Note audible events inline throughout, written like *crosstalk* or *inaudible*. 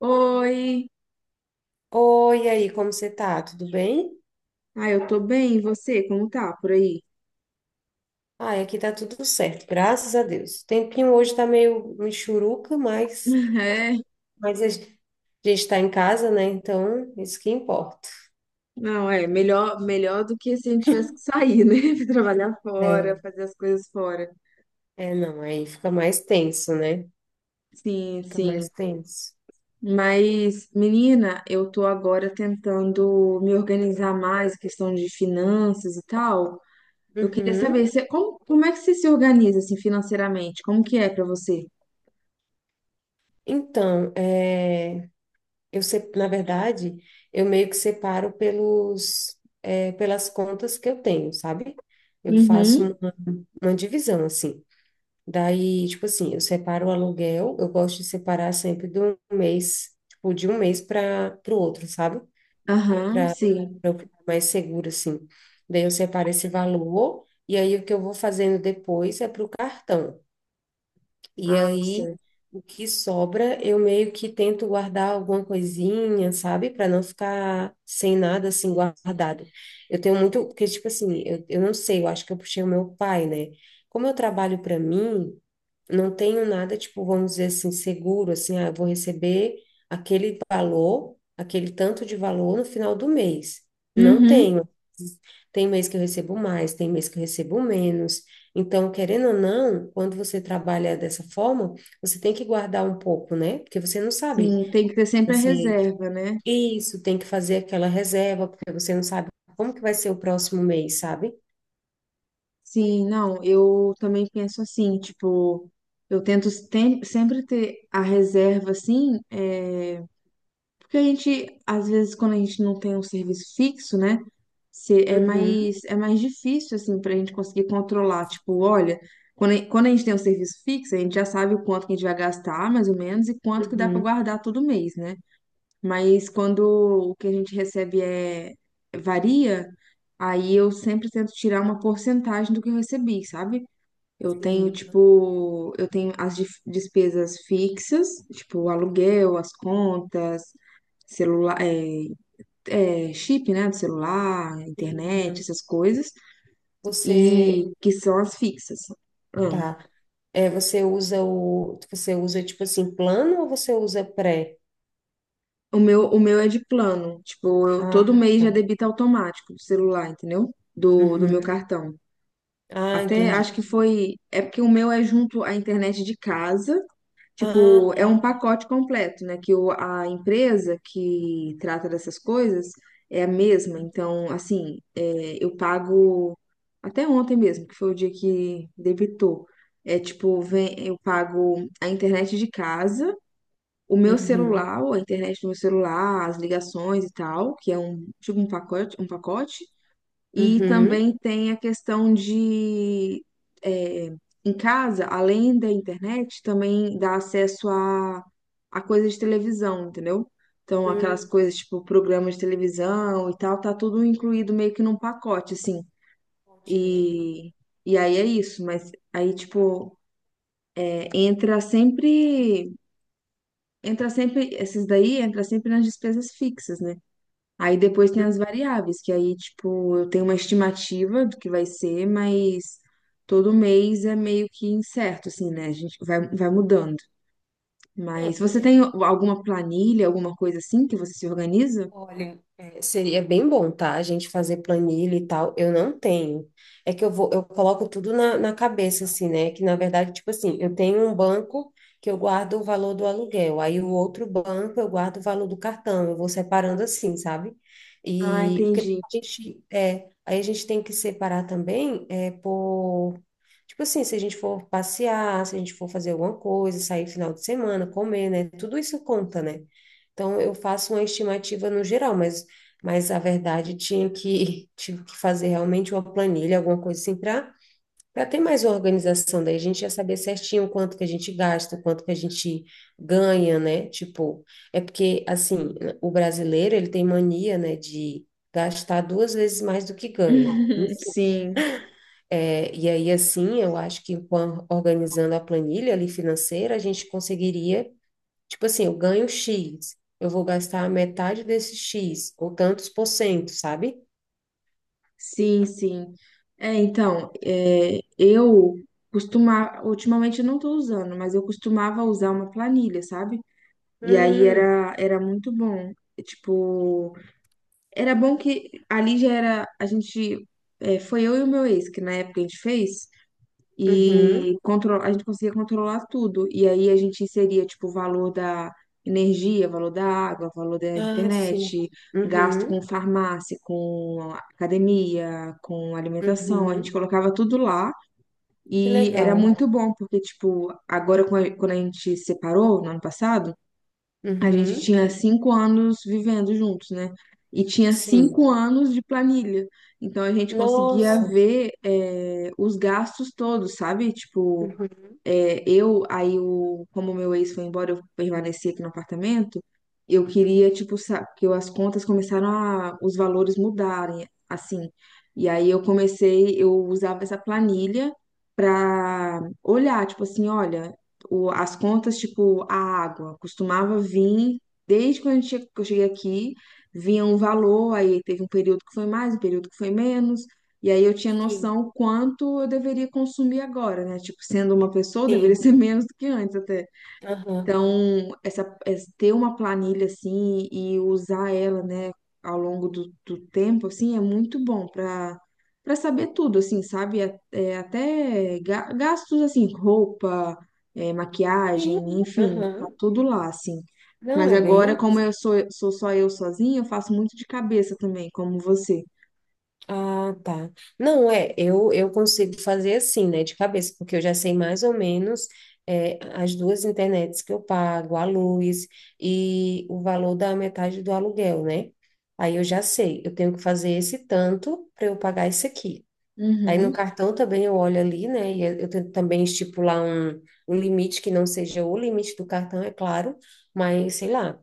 Oi. Oi, e aí, como você tá? Tudo bem? Ah, eu tô bem. E você, como tá por aí? Ai, aqui tá tudo certo, graças a Deus. O tempinho hoje tá meio michuruca, mas, *laughs* É, mas a gente tá em casa, né? Então, isso que importa. não, é melhor, melhor do que se a gente tivesse que sair, né? *laughs* Trabalhar fora, É, fazer as coisas fora. é, não, aí fica mais tenso, né? Sim, Fica mais sim. tenso. Mas, menina, eu tô agora tentando me organizar mais, questão de finanças e tal. Eu queria saber, Uhum. você, como é que você se organiza, assim, financeiramente? Como que é pra você? Então, é, eu, se- na verdade, eu meio que separo pelas contas que eu tenho, sabe? Eu faço Uhum, uma divisão, assim. Daí, tipo assim, eu separo o aluguel, eu gosto de separar sempre do mês, tipo, de um mês para o outro, sabe? aham, Para sim. eu ficar mais seguro assim. Daí eu separo esse valor, e aí o que eu vou fazendo depois é para o cartão. E Ah, aí, sim. o que sobra, eu meio que tento guardar alguma coisinha, sabe? Para não ficar sem nada assim guardado. Eu tenho muito, porque, tipo assim, eu não sei, eu acho que eu puxei o meu pai, né? Como eu trabalho para mim, não tenho nada, tipo, vamos dizer assim, seguro, assim, ah, eu vou receber aquele tanto de valor no final do mês. Não Uhum, tenho. Tem mês que eu recebo mais, tem mês que eu recebo menos. Então, querendo ou não, quando você trabalha dessa forma, você tem que guardar um pouco, né? Porque você não sabe, sim, tem que ter sempre a assim, reserva, né? isso, tem que fazer aquela reserva, porque você não sabe como que vai ser o próximo mês, sabe? Sim, não, eu também penso assim, tipo, eu tento sempre ter a reserva, assim, porque a gente, às vezes, quando a gente não tem um serviço fixo, né, é Uhum, mais, é mais difícil, assim, pra gente conseguir controlar, tipo, olha, quando a gente tem um serviço fixo, a gente já sabe o quanto que a gente vai gastar, mais ou menos, e quanto que dá pra uhum, guardar todo mês, né, mas quando o que a gente recebe varia, aí eu sempre tento tirar uma porcentagem do que eu recebi, sabe? Eu tenho, sim. tipo, eu tenho as despesas fixas, tipo, o aluguel, as contas, celular, chip, né, do celular, internet, Uhum. essas coisas, Você, e que são as fixas. Ah, tá. É, você usa tipo assim, plano ou você usa pré? o meu é de plano, tipo, eu, todo Ah, mês já tá. debita automático do celular, entendeu? Do meu Uhum. cartão. Ah, Até entendi. acho que foi, é porque o meu é junto à internet de casa. Tipo, Ah, é um tá. pacote completo, né? Que a empresa que trata dessas coisas é a mesma. Então, assim, é, eu pago até ontem mesmo, que foi o dia que debitou. É tipo, vem, eu pago a internet de casa, o meu Uhum. celular, a internet do meu celular, as ligações e tal, que é um tipo um pacote, um pacote. E Uhum. também tem a questão de, é, em casa, além da internet, também dá acesso a coisas de televisão, entendeu? Então, aquelas Hum, coisas tipo programas de televisão e tal, tá tudo incluído meio que num pacote, assim. Forte, né? E, e aí é isso, mas aí, tipo, é, entra sempre, entra sempre, esses daí entra sempre nas despesas fixas, né? Aí depois tem as variáveis, que aí, tipo, eu tenho uma estimativa do que vai ser, mas todo mês é meio que incerto, assim, né? A gente vai, vai mudando. Mas Não, você tem alguma planilha, alguma coisa assim que você se organiza? olha, seria bem bom, tá? A gente fazer planilha e tal. Eu não tenho. É que eu coloco tudo na cabeça, assim, né? Que na verdade, tipo assim, eu tenho um banco que eu guardo o valor do aluguel, aí o outro banco eu guardo o valor do cartão. Eu vou separando assim, sabe? Ah, E porque entendi. Aí a gente tem que separar também. É, por Tipo assim, se a gente for passear, se a gente for fazer alguma coisa, sair final de semana, comer, né? Tudo isso conta, né? Então, eu faço uma estimativa no geral, mas a verdade *laughs* tive que fazer realmente uma planilha, alguma coisa assim, para ter mais organização. Daí a gente ia saber certinho quanto que a gente gasta, quanto que a gente ganha, né? Tipo, porque, assim, o brasileiro, ele tem mania, né, de gastar duas vezes mais do que ganha. *laughs* Enfim. Sim, É, e aí, assim, eu acho que organizando a planilha ali financeira, a gente conseguiria. Tipo assim, eu ganho X, eu vou gastar metade desse X, ou tantos por cento, sabe? sim, sim. É, então, eu costumava, ultimamente eu não tô usando, mas eu costumava usar uma planilha, sabe? E aí Hum, era, era muito bom. Tipo, era bom que ali já era. A gente. É, foi eu e o meu ex, que na época a gente fez, uhum. e a gente conseguia controlar tudo. E aí a gente inseria, tipo, o valor da energia, valor da água, valor da Ah, sim. internet, gasto com Uhum, farmácia, com academia, com alimentação. A uhum. gente colocava tudo lá. Que E era legal. muito bom, porque, tipo, agora quando a gente separou no ano passado. A gente Uhum, tinha 5 anos vivendo juntos, né? E tinha sim. 5 anos de planilha. Então a gente conseguia Nossa. ver, é, os gastos todos, sabe? Tipo, Uhum. é, como meu ex foi embora, eu permaneci aqui no apartamento. Eu queria, tipo, as contas começaram a, os valores mudarem, assim. E aí eu comecei, eu usava essa planilha para olhar, tipo assim, olha, as contas, tipo, a água costumava vir, desde quando que eu cheguei aqui, vinha um valor, aí teve um período que foi mais, um período que foi menos. E aí eu tinha Sim, noção quanto eu deveria consumir agora, né? Tipo, sendo uma pessoa, eu deveria *laughs* ser sim. menos do que antes até. Aham. Então, ter uma planilha assim e usar ela, né, ao longo do tempo, assim, é muito bom para para saber tudo, assim, sabe? Até gastos, assim, roupa, é, Sim. maquiagem, enfim, tá Aham. tudo lá, assim. Não, Mas é agora, bem. como eu sou, sou só eu sozinha, eu faço muito de cabeça também, como você. Ah, tá. Não, eu consigo fazer assim, né, de cabeça, porque eu já sei mais ou menos as duas internets que eu pago, a luz e o valor da metade do aluguel, né? Aí eu já sei, eu tenho que fazer esse tanto para eu pagar isso aqui. Aí no Uhum, cartão também eu olho ali, né, e eu tento também estipular um limite que não seja o limite do cartão, é claro, mas sei lá.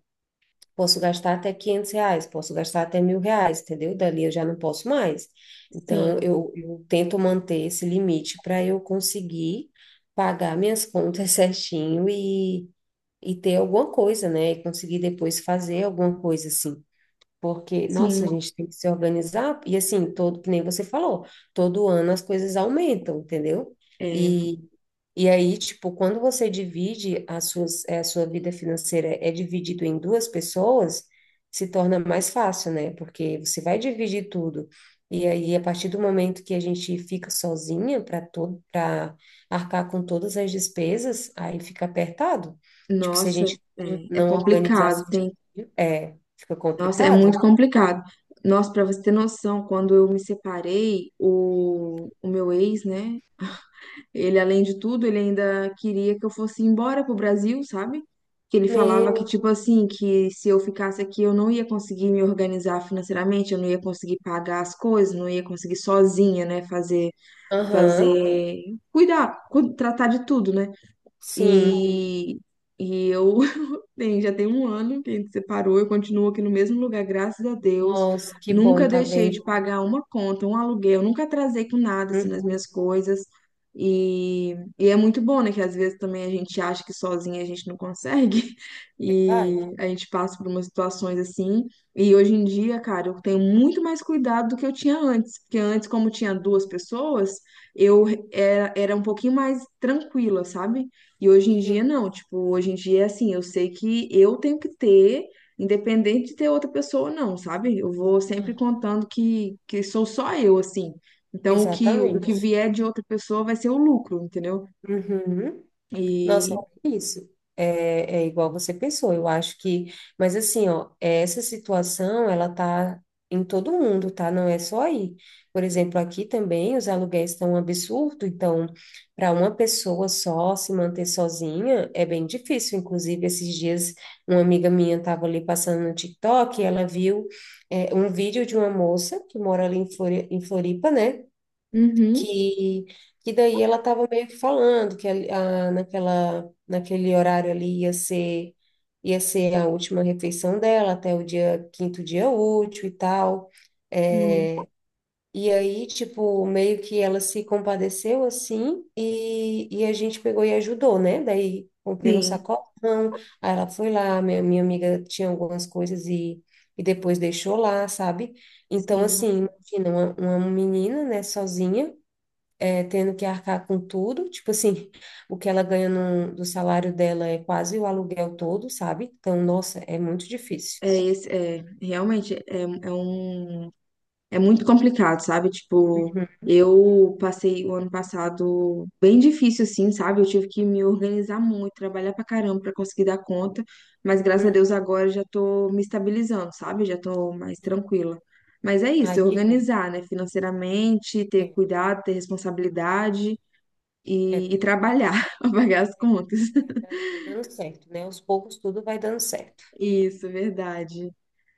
Posso gastar até R$ 500, posso gastar até R$ 1.000, entendeu? Dali eu já não posso mais. Então, sim, eu tento manter esse limite para eu conseguir pagar minhas *laughs* contas certinho e ter alguma coisa, né? E conseguir depois fazer alguma coisa assim. Porque, nossa, a sim. gente tem que se organizar, e assim, que nem você falou, todo ano as coisas aumentam, entendeu? É, E, e aí, tipo, quando você divide a sua vida financeira é dividido em duas pessoas, se torna mais fácil, né? Porque você vai dividir tudo. E aí, a partir do momento que a gente fica sozinha para arcar com todas as despesas, aí fica apertado. Tipo, se a nossa, gente não é, é não organizar complicado, certinho, tem. Fica Nossa, é muito complicado. complicado. Nossa, para você ter noção, quando eu me separei, o meu ex, né? Ele, além de tudo, ele ainda queria que eu fosse embora pro Brasil, sabe? Que ele falava que, Meu. tipo assim, que se eu ficasse aqui, eu não ia conseguir me organizar financeiramente, eu não ia conseguir pagar as coisas, não ia conseguir sozinha, né? Fazer, Aham. fazer, cuidar, tratar de tudo, né? Sim. E, e eu bem, já tem 1 ano que a gente separou, eu continuo aqui no mesmo lugar, graças a Deus. Nossa, que bom, Nunca tá deixei de vendo? pagar uma conta, um aluguel, nunca atrasei com nada assim, nas Uhum. minhas coisas. E é muito bom, né? Que às vezes também a gente acha que sozinha a gente não consegue, *laughs* e Verdade? a gente passa por umas situações assim. E hoje em dia, cara, eu tenho muito mais cuidado do que eu tinha antes, porque antes, como tinha duas pessoas, eu era um pouquinho mais tranquila, sabe? E hoje em dia Sim. não, tipo, hoje em dia é assim, eu sei que eu tenho que ter, independente de ter outra pessoa ou não, sabe? Eu vou sempre Aham. contando que sou só eu, assim. Então, o que Exatamente. vier de outra pessoa vai ser o lucro, entendeu? Uhum. Nossa, E. é isso. É igual você pensou, eu acho que. Mas assim, ó, essa situação, ela tá em todo mundo, tá? Não é só aí. Por exemplo, aqui também os aluguéis estão um absurdo, então, para uma pessoa só se manter sozinha é bem difícil. Inclusive, esses dias, uma amiga minha estava ali passando no TikTok e ela viu, um vídeo de uma moça que mora ali em em Floripa, né? Uhum, que, que daí ela estava meio que falando que naquele horário ali ia ser a última refeição dela até o dia quinto dia útil e tal. hum, É, e aí, tipo, meio que ela se compadeceu assim e a gente pegou e ajudou, né? Daí comprei um sim, sacolão, aí ela foi lá, minha amiga tinha algumas coisas e depois deixou lá, sabe? Então, sim. assim, imagina, uma menina, né, sozinha tendo que arcar com tudo, tipo assim, o que ela ganha no, do salário dela é quase o aluguel todo, sabe? Então, nossa, é muito difícil. Realmente é um. É muito complicado, sabe? Tipo, Uhum. eu passei o ano passado bem difícil, assim, sabe? Eu tive que me organizar muito, trabalhar pra caramba pra conseguir dar conta, mas graças a Uhum. Deus agora eu já tô me estabilizando, sabe? Já tô mais tranquila. Mas é Ai, isso, que bom. organizar, né? Financeiramente, ter É, cuidado, ter responsabilidade é, é, e trabalhar *laughs* pra pagar as é, contas. Vai dando certo, né? Aos poucos tudo vai dando certo. Isso, verdade.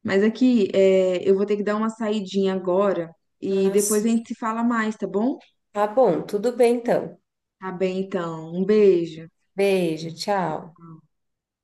Mas aqui, é, eu vou ter que dar uma saidinha agora e Ah, depois a sim. gente se fala mais, tá bom? Tá bom, tudo bem então. Tá bem, então. Um beijo. Beijo, tchau.